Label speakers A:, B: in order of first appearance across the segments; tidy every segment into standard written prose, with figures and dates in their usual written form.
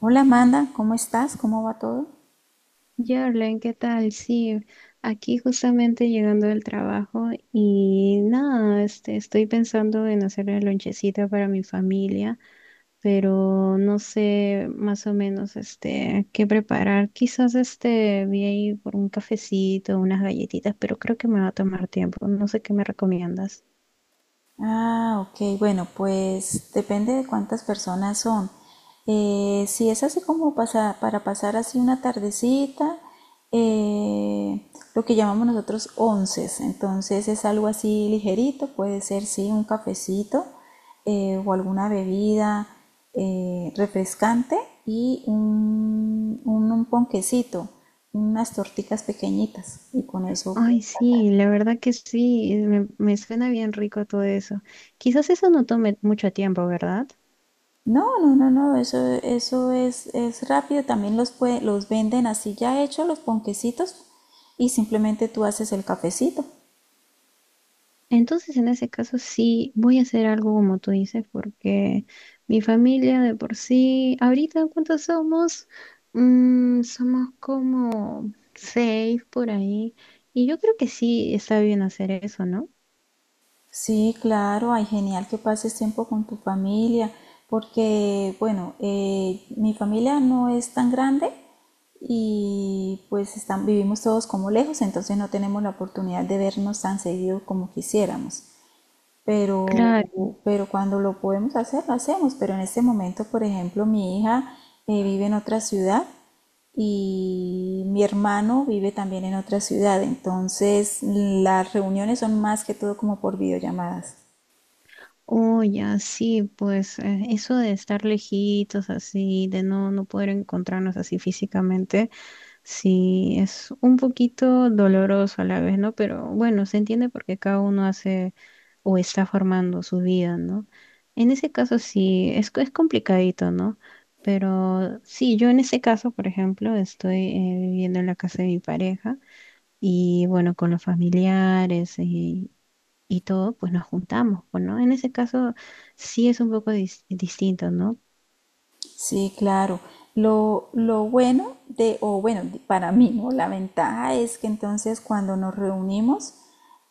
A: Hola Amanda, ¿cómo estás? ¿Cómo va todo?
B: Jorlen, ¿qué tal? Sí, aquí justamente llegando del trabajo y nada, estoy pensando en hacer la lonchecita para mi familia, pero no sé más o menos qué preparar. Quizás vi ahí por un cafecito, unas galletitas, pero creo que me va a tomar tiempo. No sé qué me recomiendas.
A: Ok, bueno, pues depende de cuántas personas son. Si es así como para pasar así una tardecita, lo que llamamos nosotros onces, entonces es algo así ligerito, puede ser sí un cafecito o alguna bebida refrescante y un ponquecito, unas torticas pequeñitas y con eso pues,
B: Ay, sí, la verdad que sí, me suena bien rico todo eso. Quizás eso no tome mucho tiempo, ¿verdad?
A: no, no, no, no, eso, eso es rápido. También los venden así ya hechos los ponquecitos y simplemente tú haces el cafecito.
B: Entonces, en ese caso, sí, voy a hacer algo como tú dices, porque mi familia de por sí, ahorita, ¿cuántos somos? Mm, somos como seis por ahí. Y yo creo que sí está bien hacer eso, ¿no?
A: Sí, claro, ay, genial que pases tiempo con tu familia, porque, bueno, mi familia no es tan grande y pues están, vivimos todos como lejos, entonces no tenemos la oportunidad de vernos tan seguido como quisiéramos. pero,
B: Claro,
A: pero cuando lo podemos hacer, lo hacemos. Pero en este momento, por ejemplo, mi hija vive en otra ciudad y mi hermano vive también en otra ciudad. Entonces, las reuniones son más que todo como por videollamadas.
B: oye, sí, pues eso de estar lejitos así, de no poder encontrarnos así físicamente. Sí, es un poquito doloroso a la vez, ¿no? Pero bueno, se entiende porque cada uno hace o está formando su vida, ¿no? En ese caso sí, es complicadito, ¿no? Pero sí, yo en ese caso, por ejemplo, estoy viviendo en la casa de mi pareja y bueno, con los familiares y todo, pues nos juntamos, pues, ¿no? En ese caso sí es un poco distinto, ¿no?
A: Sí, claro. Lo bueno de, o bueno, para mí, ¿no? La ventaja es que entonces cuando nos reunimos,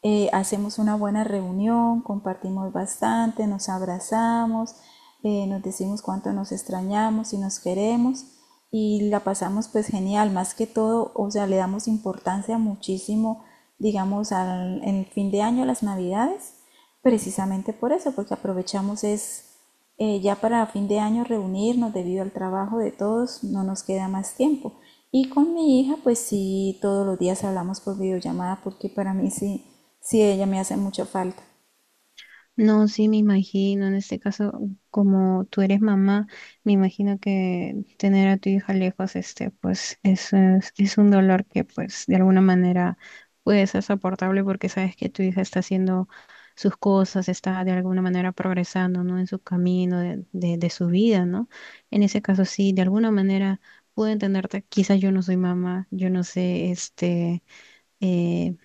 A: hacemos una buena reunión, compartimos bastante, nos abrazamos, nos decimos cuánto nos extrañamos y nos queremos y la pasamos pues genial, más que todo, o sea, le damos importancia muchísimo, digamos, al, en el fin de año, las navidades, precisamente por eso, porque aprovechamos es ya para fin de año reunirnos debido al trabajo de todos, no nos queda más tiempo. Y con mi hija, pues sí, todos los días hablamos por videollamada porque para mí sí, sí, ella me hace mucha falta.
B: No, sí, me imagino, en este caso, como tú eres mamá, me imagino que tener a tu hija lejos, este, pues, es un dolor que, pues, de alguna manera puede ser soportable porque sabes que tu hija está haciendo sus cosas, está de alguna manera progresando, ¿no? En su camino de su vida, ¿no? En ese caso, sí, de alguna manera puedo entenderte, quizás yo no soy mamá, yo no sé, eh,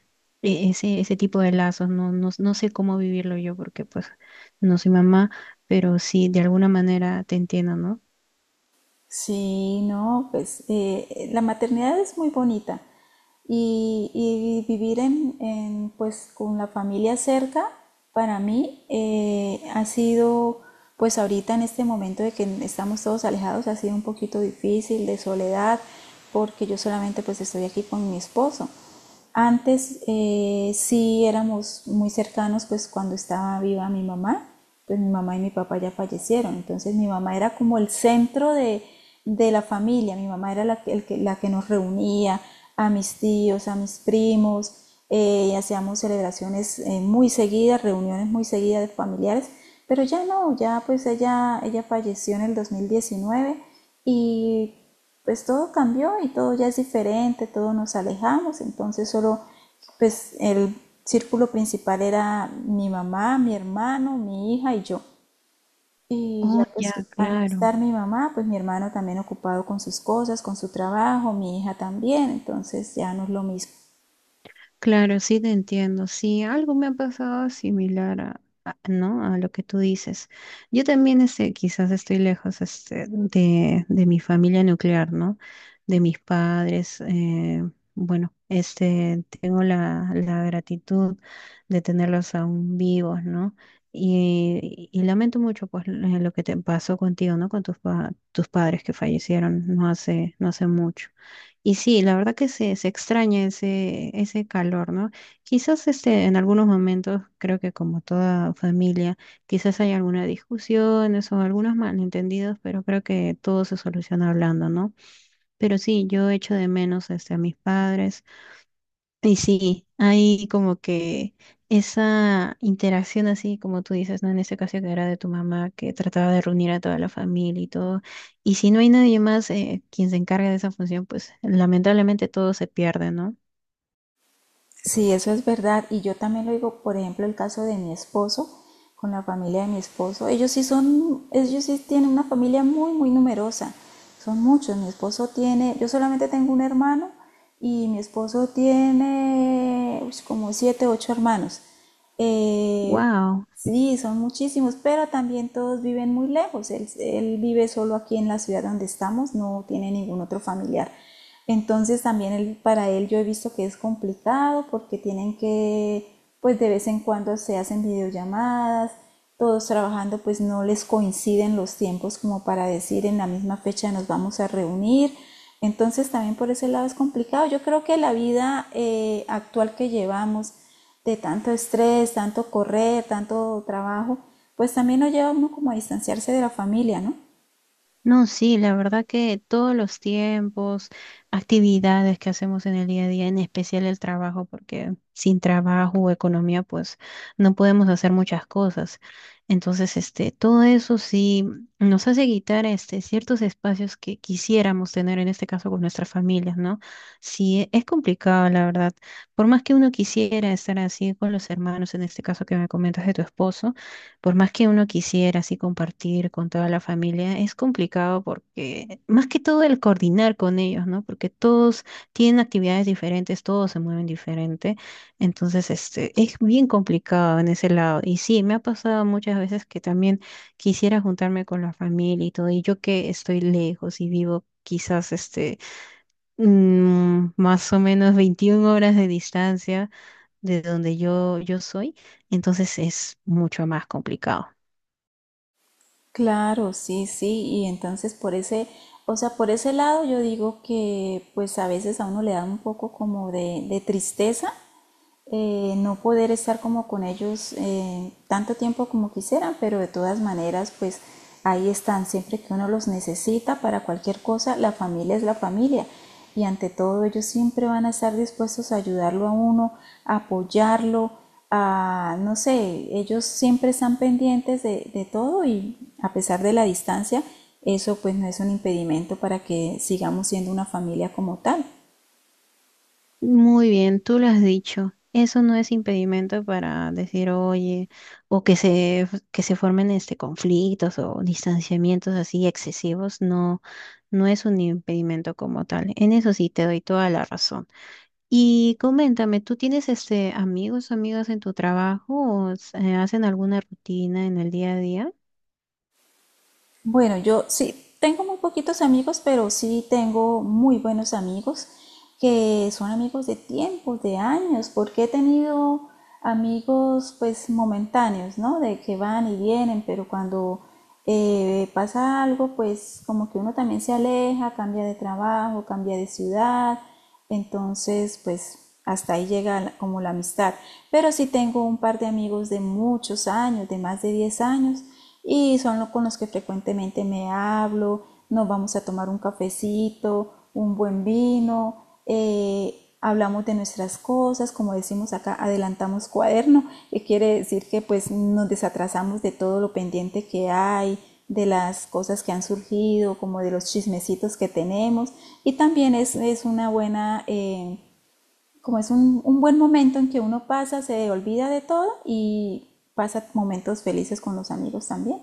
B: ese, tipo de lazos. No sé cómo vivirlo yo porque pues no soy mamá, pero sí, de alguna manera te entiendo, ¿no?
A: Sí, no, pues la maternidad es muy bonita y vivir pues con la familia cerca para mí ha sido pues ahorita en este momento de que estamos todos alejados ha sido un poquito difícil de soledad porque yo solamente pues estoy aquí con mi esposo antes sí éramos muy cercanos, pues cuando estaba viva mi mamá, pues mi mamá y mi papá ya fallecieron, entonces mi mamá era como el centro de la familia, mi mamá era la que, la que nos reunía a mis tíos, a mis primos, y hacíamos celebraciones muy seguidas, reuniones muy seguidas de familiares, pero ya no, ya pues ella falleció en el 2019 y pues todo cambió y todo ya es diferente, todos nos alejamos, entonces solo pues el círculo principal era mi mamá, mi hermano, mi hija y yo. Y
B: Oh,
A: ya
B: ya,
A: pues al no
B: claro.
A: estar mi mamá, pues mi hermano también ocupado con sus cosas, con su trabajo, mi hija también, entonces ya no es lo mismo.
B: Claro, sí te entiendo. Sí, algo me ha pasado similar ¿no? A lo que tú dices. Yo también quizás estoy lejos de mi familia nuclear, ¿no? De mis padres. Tengo la gratitud de tenerlos aún vivos, ¿no? Y lamento mucho pues, lo que te pasó contigo, ¿no? Con tus padres que fallecieron no hace mucho. Y sí, la verdad que se extraña ese calor, ¿no? Quizás en algunos momentos, creo que como toda familia, quizás hay algunas discusiones o algunos malentendidos, pero creo que todo se soluciona hablando, ¿no? Pero sí, yo echo de menos a mis padres, y sí, hay como que esa interacción así, como tú dices, ¿no? En este caso que era de tu mamá, que trataba de reunir a toda la familia y todo. Y si no hay nadie más quien se encargue de esa función, pues lamentablemente todo se pierde, ¿no?
A: Sí, eso es verdad. Y yo también lo digo, por ejemplo, el caso de mi esposo, con la familia de mi esposo. Ellos sí son, ellos sí tienen una familia muy, muy numerosa. Son muchos. Mi esposo tiene, yo solamente tengo un hermano y mi esposo tiene uy, como siete, ocho hermanos. Eh,
B: ¡Wow!
A: Sí, son muchísimos, pero también todos viven muy lejos. Él vive solo aquí en la ciudad donde estamos, no tiene ningún otro familiar. Entonces también para él yo he visto que es complicado porque tienen que, pues de vez en cuando se hacen videollamadas, todos trabajando, pues no les coinciden los tiempos como para decir en la misma fecha nos vamos a reunir. Entonces también por ese lado es complicado. Yo creo que la vida actual que llevamos, de tanto estrés, tanto correr, tanto trabajo, pues también nos lleva uno como a distanciarse de la familia, ¿no?
B: No, sí, la verdad que todos los tiempos, actividades que hacemos en el día a día, en especial el trabajo, porque sin trabajo o economía, pues no podemos hacer muchas cosas. Entonces, todo eso sí nos hace quitar ciertos espacios que quisiéramos tener, en este caso con nuestras familias, ¿no? Sí, es complicado, la verdad. Por más que uno quisiera estar así con los hermanos, en este caso que me comentas de tu esposo. Por más que uno quisiera así compartir con toda la familia, es complicado porque, más que todo el coordinar con ellos, ¿no? Porque todos tienen actividades diferentes, todos se mueven diferente. Entonces, es bien complicado en ese lado. Y sí, me ha pasado muchas veces que también quisiera juntarme con la familia y todo, y yo que estoy lejos y vivo quizás más o menos 21 horas de distancia de donde yo soy, entonces es mucho más complicado.
A: Claro, sí, sí, y entonces por ese, o sea, por ese lado yo digo que pues a veces a uno le da un poco como de tristeza no poder estar como con ellos tanto tiempo como quisieran, pero de todas maneras, pues ahí están, siempre que uno los necesita para cualquier cosa, la familia es la familia y ante todo ellos siempre van a estar dispuestos a ayudarlo a uno, a apoyarlo, a, no sé, ellos siempre están pendientes de todo y a pesar de la distancia, eso pues no es un impedimento para que sigamos siendo una familia como tal.
B: Muy bien, tú lo has dicho. Eso no es impedimento para decir, oye, o que se, que se formen este conflictos o distanciamientos así excesivos, no es un impedimento como tal. En eso sí te doy toda la razón. Y coméntame, ¿tú tienes este amigos, amigas en tu trabajo o hacen alguna rutina en el día a día?
A: Bueno, yo sí, tengo muy poquitos amigos, pero sí tengo muy buenos amigos que son amigos de tiempos, de años, porque he tenido amigos pues momentáneos, ¿no? De que van y vienen, pero cuando pasa algo, pues como que uno también se aleja, cambia de trabajo, cambia de ciudad, entonces pues hasta ahí llega como la amistad. Pero sí tengo un par de amigos de muchos años, de más de 10 años, y son los con los que frecuentemente me hablo, nos vamos a tomar un cafecito, un buen vino, hablamos de nuestras cosas, como decimos acá, adelantamos cuaderno, que quiere decir que pues nos desatrasamos de todo lo pendiente que hay, de las cosas que han surgido, como de los chismecitos que tenemos. Y también es una buena, como es buen momento en que uno pasa, se olvida de todo y pasa momentos felices con los amigos también.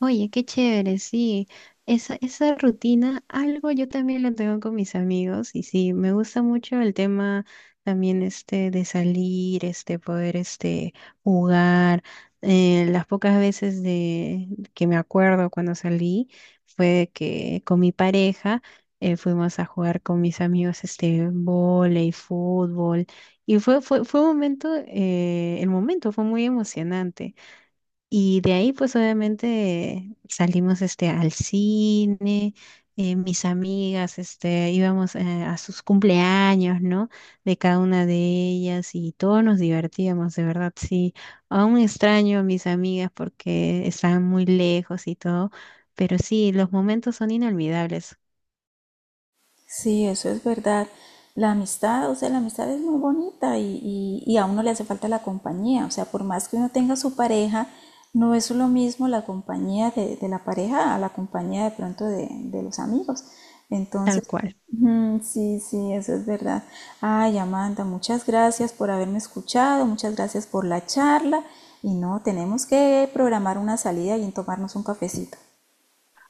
B: Oye, qué chévere, sí. Esa rutina, algo yo también lo tengo con mis amigos y sí, me gusta mucho el tema también de salir, este poder este jugar. Las pocas veces de que me acuerdo cuando salí fue que con mi pareja fuimos a jugar con mis amigos este vóley, fútbol y fue un momento el momento fue muy emocionante. Y de ahí, pues obviamente salimos al cine, mis amigas, íbamos a sus cumpleaños, ¿no? De cada una de ellas y todos nos divertíamos, de verdad, sí. Aún extraño a mis amigas porque estaban muy lejos y todo, pero sí, los momentos son inolvidables,
A: Sí, eso es verdad. La amistad, o sea, la amistad es muy bonita y, y a uno le hace falta la compañía. O sea, por más que uno tenga su pareja, no es lo mismo la compañía de la pareja a la compañía de pronto de los amigos.
B: tal
A: Entonces,
B: cual.
A: mm, sí, sí, eso es verdad. Ay, Amanda, muchas gracias por haberme escuchado, muchas gracias por la charla. Y no, tenemos que programar una salida y tomarnos un cafecito.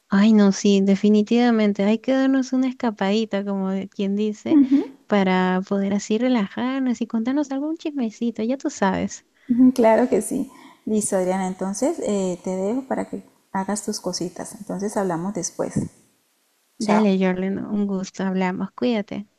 B: Ay, no, sí, definitivamente. Hay que darnos una escapadita, como quien dice, para poder así relajarnos y contarnos algún chismecito, ya tú sabes.
A: Ujú, claro que sí. Listo, Adriana. Entonces, te dejo para que hagas tus cositas. Entonces, hablamos después. Chao.
B: Dale, Jorlen, un gusto, hablamos, cuídate.